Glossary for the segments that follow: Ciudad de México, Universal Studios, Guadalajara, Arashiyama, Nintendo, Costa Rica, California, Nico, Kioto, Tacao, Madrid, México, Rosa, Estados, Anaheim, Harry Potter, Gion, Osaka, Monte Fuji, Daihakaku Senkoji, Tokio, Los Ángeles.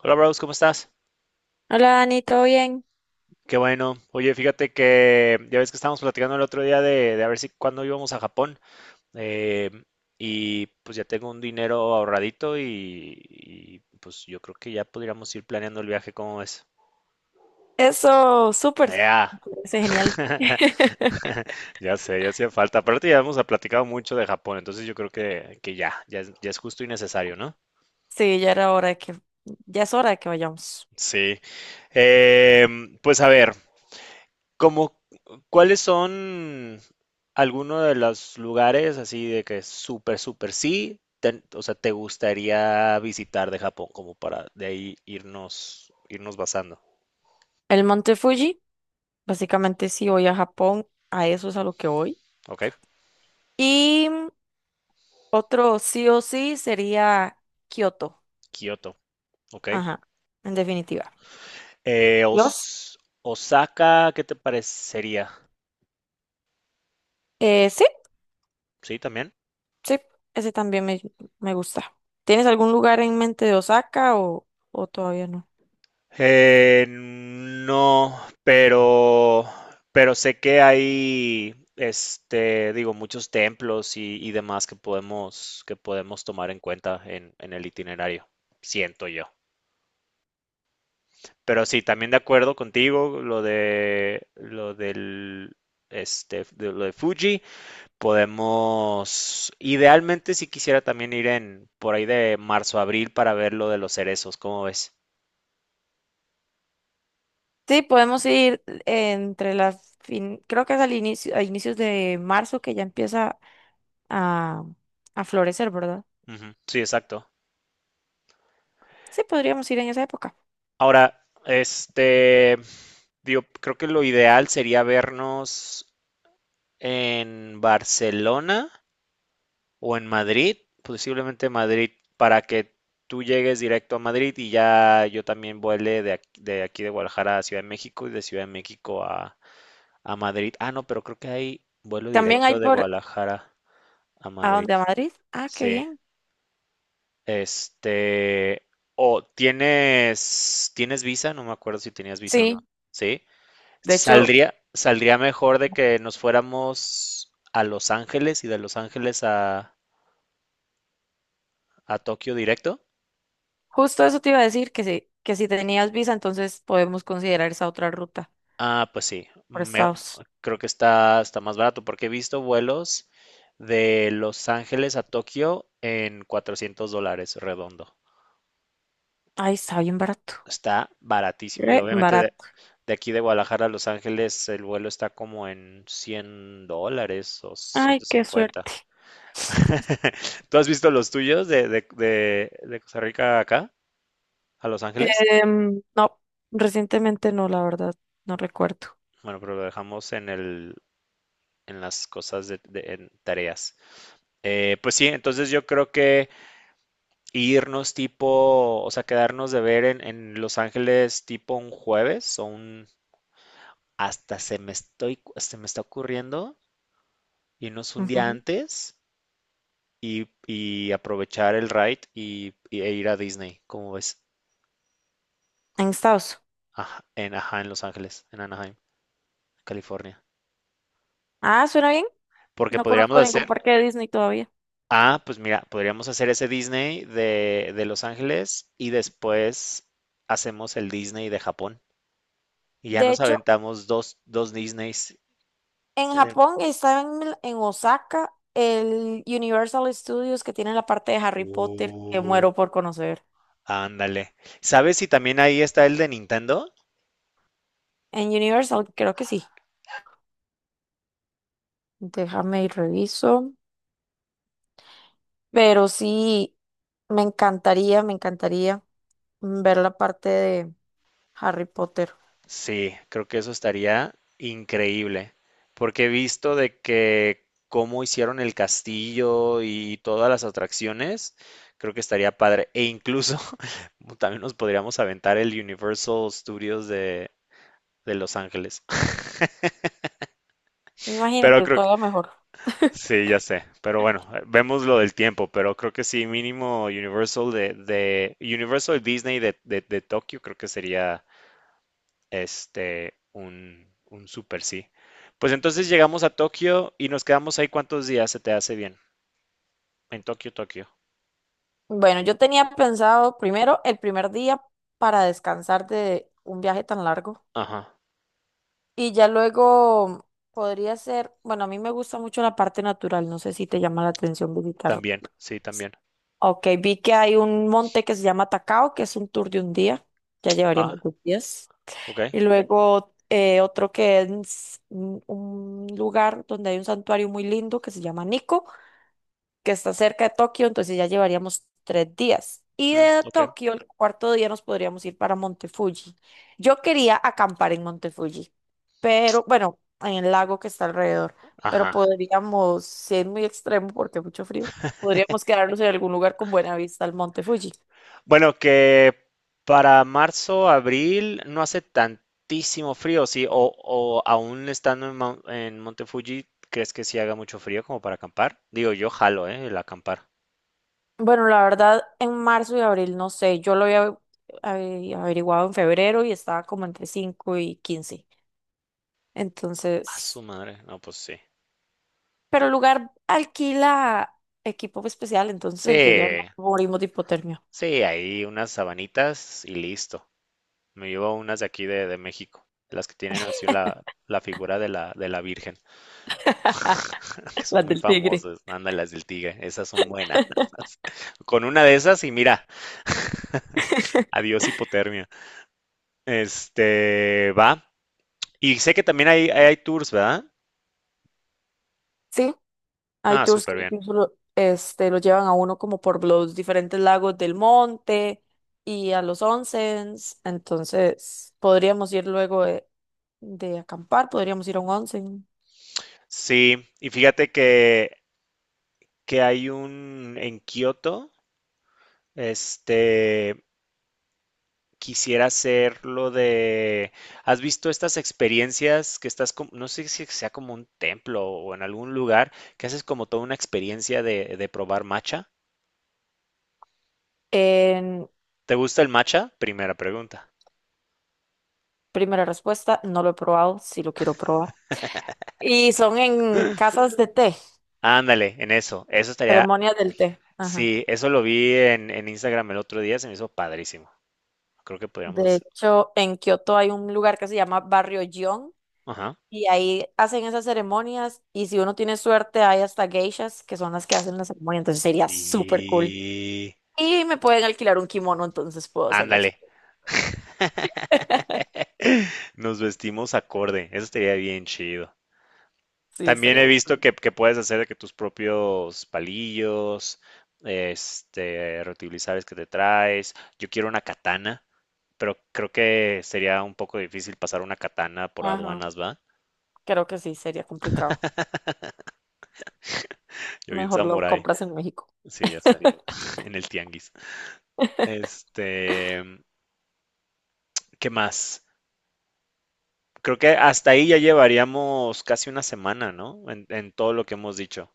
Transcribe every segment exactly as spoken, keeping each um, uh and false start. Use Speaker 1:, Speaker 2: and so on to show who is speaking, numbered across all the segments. Speaker 1: Hola, Bros, ¿cómo estás?
Speaker 2: Hola Dani, ¿todo bien?
Speaker 1: Qué bueno. Oye, fíjate que ya ves que estábamos platicando el otro día de, de a ver si cuándo íbamos a Japón. eh, y pues ya tengo un dinero ahorradito y, y, pues yo creo que ya podríamos ir planeando el viaje, ¿cómo ves?
Speaker 2: Eso, súper.
Speaker 1: Ya.
Speaker 2: Me parece genial.
Speaker 1: Ya sé, ya hacía falta. Aparte ya hemos platicado mucho de Japón, entonces yo creo que, que ya, ya es, ya es justo y necesario, ¿no?
Speaker 2: Sí, ya era hora de que, ya es hora de que vayamos.
Speaker 1: Sí. Em, pues a ver. Como, ¿Cuáles son algunos de los lugares así de que súper, súper sí, te- o sea, te gustaría visitar de Japón como para de ahí irnos, irnos basando?
Speaker 2: El Monte Fuji, básicamente sí voy a Japón, a eso es a lo que voy.
Speaker 1: ¿Ok?
Speaker 2: Y otro sí o sí sería Kioto.
Speaker 1: Kioto, ¿ok?
Speaker 2: Ajá, en definitiva.
Speaker 1: Eh,
Speaker 2: ¿Los?
Speaker 1: Os- Osaka, ¿qué te parecería?
Speaker 2: Eh, sí,
Speaker 1: Sí, también.
Speaker 2: sí, ese también me, me gusta. ¿Tienes algún lugar en mente de Osaka o, o todavía no?
Speaker 1: Eh, no, pero, pero sé que hay, este, digo, muchos templos y, y demás que podemos, que podemos tomar en cuenta en, en el itinerario, siento yo. Pero sí, también de acuerdo contigo, lo de, lo del, este, de lo de Fuji, podemos, idealmente si quisiera también ir en, por ahí de marzo, abril para ver lo de los cerezos, ¿cómo ves?
Speaker 2: Sí, podemos ir entre las fin, creo que es al inicio, a inicios de marzo que ya empieza a, a florecer, ¿verdad?
Speaker 1: Ujú, sí, exacto.
Speaker 2: Sí, podríamos ir en esa época.
Speaker 1: Ahora, este, digo, creo que lo ideal sería vernos en Barcelona o en Madrid, posiblemente Madrid, para que tú llegues directo a Madrid y ya yo también vuele de aquí de, aquí de Guadalajara a Ciudad de México y de Ciudad de México a, a Madrid. Ah, no, pero creo que hay vuelo
Speaker 2: También hay
Speaker 1: directo de
Speaker 2: por
Speaker 1: Guadalajara a
Speaker 2: a
Speaker 1: Madrid.
Speaker 2: dónde a Madrid. Ah, qué
Speaker 1: Sí.
Speaker 2: bien.
Speaker 1: Este, o tienes, ¿tienes visa? No me acuerdo si tenías visa o no.
Speaker 2: Sí,
Speaker 1: Sí.
Speaker 2: de hecho,
Speaker 1: Saldría, saldría mejor de que nos fuéramos a Los Ángeles y de Los Ángeles a, a Tokio directo.
Speaker 2: justo eso te iba a decir, que si, que si tenías visa, entonces podemos considerar esa otra ruta
Speaker 1: Ah, pues sí,
Speaker 2: por
Speaker 1: me-
Speaker 2: Estados.
Speaker 1: creo que está, está más barato porque he visto vuelos de Los Ángeles a Tokio en cuatrocientos dólares redondo.
Speaker 2: Ay, está bien barato.
Speaker 1: Está baratísimo y
Speaker 2: Re sí.
Speaker 1: obviamente de,
Speaker 2: Barato.
Speaker 1: de aquí de Guadalajara a Los Ángeles el vuelo está como en cien dólares o ciento
Speaker 2: Ay, qué
Speaker 1: cincuenta
Speaker 2: suerte.
Speaker 1: ¿Tú has visto los tuyos de, de, de, de Costa Rica acá a Los Ángeles?
Speaker 2: Em, no, recientemente no, la verdad, no recuerdo.
Speaker 1: Bueno, pero lo dejamos en el, en las cosas de, de- en tareas. Eh, pues sí, entonces yo creo que irnos tipo, o sea, quedarnos de ver en, en Los Ángeles tipo un jueves o un, hasta se me estoy, se me está ocurriendo irnos un día
Speaker 2: Ujú.
Speaker 1: antes y, y aprovechar el ride y, y- e ir a Disney, como ves?
Speaker 2: En Estados.
Speaker 1: Aj- en, ajá, en Los Ángeles, en Anaheim, California.
Speaker 2: Ah, suena bien.
Speaker 1: Porque
Speaker 2: No
Speaker 1: podríamos
Speaker 2: conozco ningún
Speaker 1: hacer,
Speaker 2: parque de Disney todavía.
Speaker 1: ah, pues mira, podríamos hacer ese Disney de, de Los Ángeles y después hacemos el Disney de Japón. Y ya
Speaker 2: De
Speaker 1: nos
Speaker 2: hecho,
Speaker 1: aventamos dos, dos Disneys.
Speaker 2: en
Speaker 1: Eh,
Speaker 2: Japón estaba en, Mil- en Osaka el Universal Studios que tiene la parte de Harry Potter que
Speaker 1: Uh,
Speaker 2: muero por conocer.
Speaker 1: ándale. ¿Sabes si también ahí está el de Nintendo?
Speaker 2: En Universal creo que sí. Déjame y reviso. Pero sí, me encantaría, me encantaría ver la parte de Harry Potter.
Speaker 1: Sí, creo que eso estaría increíble. Porque he visto de que cómo hicieron el castillo y todas las atracciones, creo que estaría padre. E incluso también nos podríamos aventar el Universal Studios de, de Los Ángeles.
Speaker 2: Me imagino
Speaker 1: Pero
Speaker 2: que
Speaker 1: creo que
Speaker 2: todavía mejor.
Speaker 1: sí, ya sé. Pero bueno, eh, vemos lo del tiempo, pero creo que sí, mínimo Universal de, de Universal Disney de, de, de Tokio, creo que sería este un, un super sí. Pues entonces llegamos a Tokio y nos quedamos ahí cuántos días se te hace bien. En Tokio, Tokio.
Speaker 2: Bueno, yo tenía pensado primero el primer día para descansar de un viaje tan largo
Speaker 1: Ajá.
Speaker 2: y ya luego podría ser, bueno, a mí me gusta mucho la parte natural, no sé si te llama la atención visitar.
Speaker 1: También, sí, también.
Speaker 2: Ok, vi que hay un monte que se llama Tacao, que es un tour de un día, ya
Speaker 1: Ah,
Speaker 2: llevaríamos dos días.
Speaker 1: ok.
Speaker 2: Y luego eh, otro que es un un lugar donde hay un santuario muy lindo que se llama Nico, que está cerca de Tokio, entonces ya llevaríamos tres días. Y
Speaker 1: Mm,
Speaker 2: de
Speaker 1: ok.
Speaker 2: Tokio, el cuarto día nos podríamos ir para Monte Fuji. Yo quería acampar en Monte Fuji, pero bueno, en el lago que está alrededor, pero
Speaker 1: Ajá.
Speaker 2: podríamos, si es muy extremo porque hay mucho frío, podríamos quedarnos en algún lugar con buena vista al Monte Fuji.
Speaker 1: Bueno, que para marzo, abril no hace tantísimo frío, sí, o, o aún estando en, Mon- en Monte Fuji, ¿crees que sí haga mucho frío como para acampar? Digo, yo jalo, ¿eh? El acampar.
Speaker 2: Bueno, la verdad, en marzo y abril no sé, yo lo había había averiguado en febrero y estaba como entre cinco y quince.
Speaker 1: A su
Speaker 2: Entonces,
Speaker 1: madre. No, pues sí.
Speaker 2: pero el lugar alquila equipo especial, entonces
Speaker 1: Sí,
Speaker 2: en teoría no morimos de hipotermia.
Speaker 1: sí, ahí unas sabanitas y listo. Me llevo unas de aquí de, de México, las que tienen así la, la figura de la, de la Virgen. Que son
Speaker 2: Las
Speaker 1: muy
Speaker 2: del tigre.
Speaker 1: famosas. Ándale, las del tigre, esas son buenas. Con una de esas y mira, adiós hipotermia. Este, va. Y sé que también hay, hay, hay tours, ¿verdad?
Speaker 2: Sí, hay
Speaker 1: Ah,
Speaker 2: tours que
Speaker 1: súper bien.
Speaker 2: incluso lo, este, lo llevan a uno como por los diferentes lagos del monte y a los onsens. Entonces, podríamos ir luego de, de acampar, podríamos ir a un onsen.
Speaker 1: Sí, y fíjate que, que hay un en Kioto, este, quisiera hacer lo de... ¿Has visto estas experiencias que estás, como, no sé si sea como un templo o en algún lugar, que haces como toda una experiencia de, de probar matcha?
Speaker 2: En
Speaker 1: ¿Te gusta el matcha? Primera pregunta.
Speaker 2: primera respuesta, no lo he probado, sí lo quiero probar. Y son en casas de té.
Speaker 1: Ándale, en eso. Eso estaría...
Speaker 2: Ceremonia del té. Ajá.
Speaker 1: Sí, eso lo vi en, en Instagram el otro día, se me hizo padrísimo. Creo que podríamos
Speaker 2: De
Speaker 1: hacer...
Speaker 2: hecho, en Kioto hay un lugar que se llama Barrio Gion
Speaker 1: Ajá.
Speaker 2: y ahí hacen esas ceremonias y si uno tiene suerte hay hasta geishas que son las que hacen la ceremonia, entonces sería súper cool.
Speaker 1: Y...
Speaker 2: Y me pueden alquilar un kimono, entonces puedo hacer la
Speaker 1: Ándale,
Speaker 2: experiencia.
Speaker 1: nos vestimos acorde. Eso estaría bien chido.
Speaker 2: Sí,
Speaker 1: También
Speaker 2: estaría
Speaker 1: he
Speaker 2: muy
Speaker 1: visto
Speaker 2: cool.
Speaker 1: que, que puedes hacer de que tus propios palillos, este, reutilizables que te traes. Yo quiero una katana, pero creo que sería un poco difícil pasar una katana por
Speaker 2: Ajá,
Speaker 1: aduanas, ¿va?
Speaker 2: creo que sí, sería complicado.
Speaker 1: Yo vi en
Speaker 2: Mejor lo
Speaker 1: Samurai,
Speaker 2: compras en México.
Speaker 1: sí, ya sé, en el tianguis. Este, ¿qué más? Creo que hasta ahí ya llevaríamos casi una semana, ¿no? En, en todo lo que hemos dicho.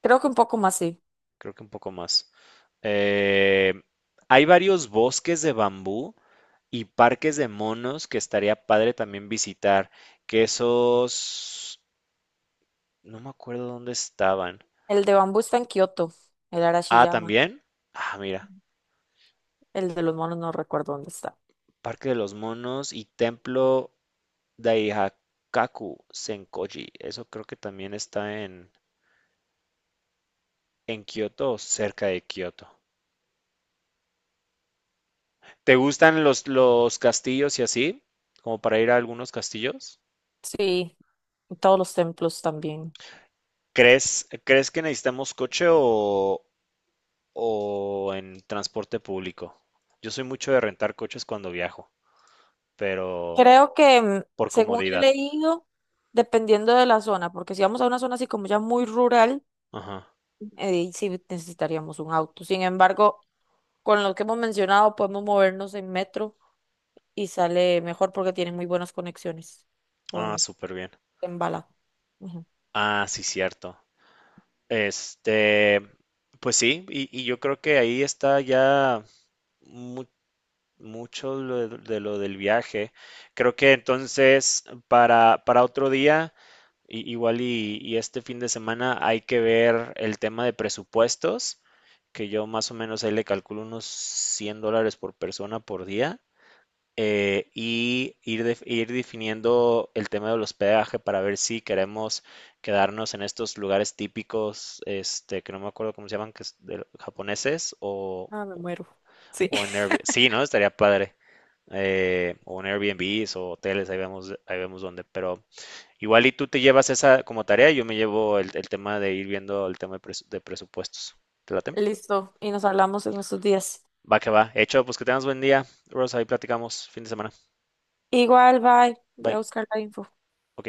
Speaker 2: Creo que un poco más sí.
Speaker 1: Creo que un poco más. Eh, hay varios bosques de bambú y parques de monos que estaría padre también visitar, que esos, no me acuerdo dónde estaban.
Speaker 2: El de bambú está en Kioto, el
Speaker 1: Ah,
Speaker 2: Arashiyama.
Speaker 1: también, ah, mira,
Speaker 2: El de los monos no recuerdo dónde está.
Speaker 1: Parque de los Monos y Templo Daihakaku Senkoji, eso creo que también está en, en Kioto o cerca de Kioto. ¿Te gustan los, los castillos y así? Como para ir a algunos castillos.
Speaker 2: Sí, y todos los templos también.
Speaker 1: ¿Crees, ¿crees que necesitamos coche o, o en transporte público? Yo soy mucho de rentar coches cuando viajo, pero
Speaker 2: Creo que, mm,
Speaker 1: por
Speaker 2: según he
Speaker 1: comodidad.
Speaker 2: leído, dependiendo de la zona, porque si vamos a una zona así como ya muy rural,
Speaker 1: Ajá.
Speaker 2: eh, ahí sí necesitaríamos un auto. Sin embargo, con lo que hemos mencionado, podemos movernos en metro y sale mejor porque tiene muy buenas conexiones. O
Speaker 1: Ah,
Speaker 2: en,
Speaker 1: súper bien.
Speaker 2: en bala. Ujú.
Speaker 1: Ah, sí, cierto. Este, pues sí, y, y yo creo que ahí está ya mucho lo de, de lo del viaje. Creo que entonces para, para otro día, i- igual y, y este fin de semana hay que ver el tema de presupuestos, que yo más o menos ahí le calculo unos cien dólares por persona por día, eh, y ir, def- ir definiendo el tema del hospedaje para ver si queremos quedarnos en estos lugares típicos, este, que no me acuerdo cómo se llaman, que es de, japoneses o,
Speaker 2: Ah, me muero. Sí.
Speaker 1: o en Airbnb. Sí, ¿no? Estaría padre, eh, o en Airbnb o hoteles, ahí vemos, ahí vemos dónde. Pero igual y tú te llevas esa como tarea, y yo me llevo el, el tema de ir viendo el tema de, presu- de presupuestos. ¿Te late?
Speaker 2: Listo. Y nos hablamos en estos días.
Speaker 1: Va que va. Hecho, pues que tengas buen día, Rosa, ahí platicamos fin de semana.
Speaker 2: Igual, bye. Voy
Speaker 1: Bye.
Speaker 2: a buscar la info.
Speaker 1: Ok.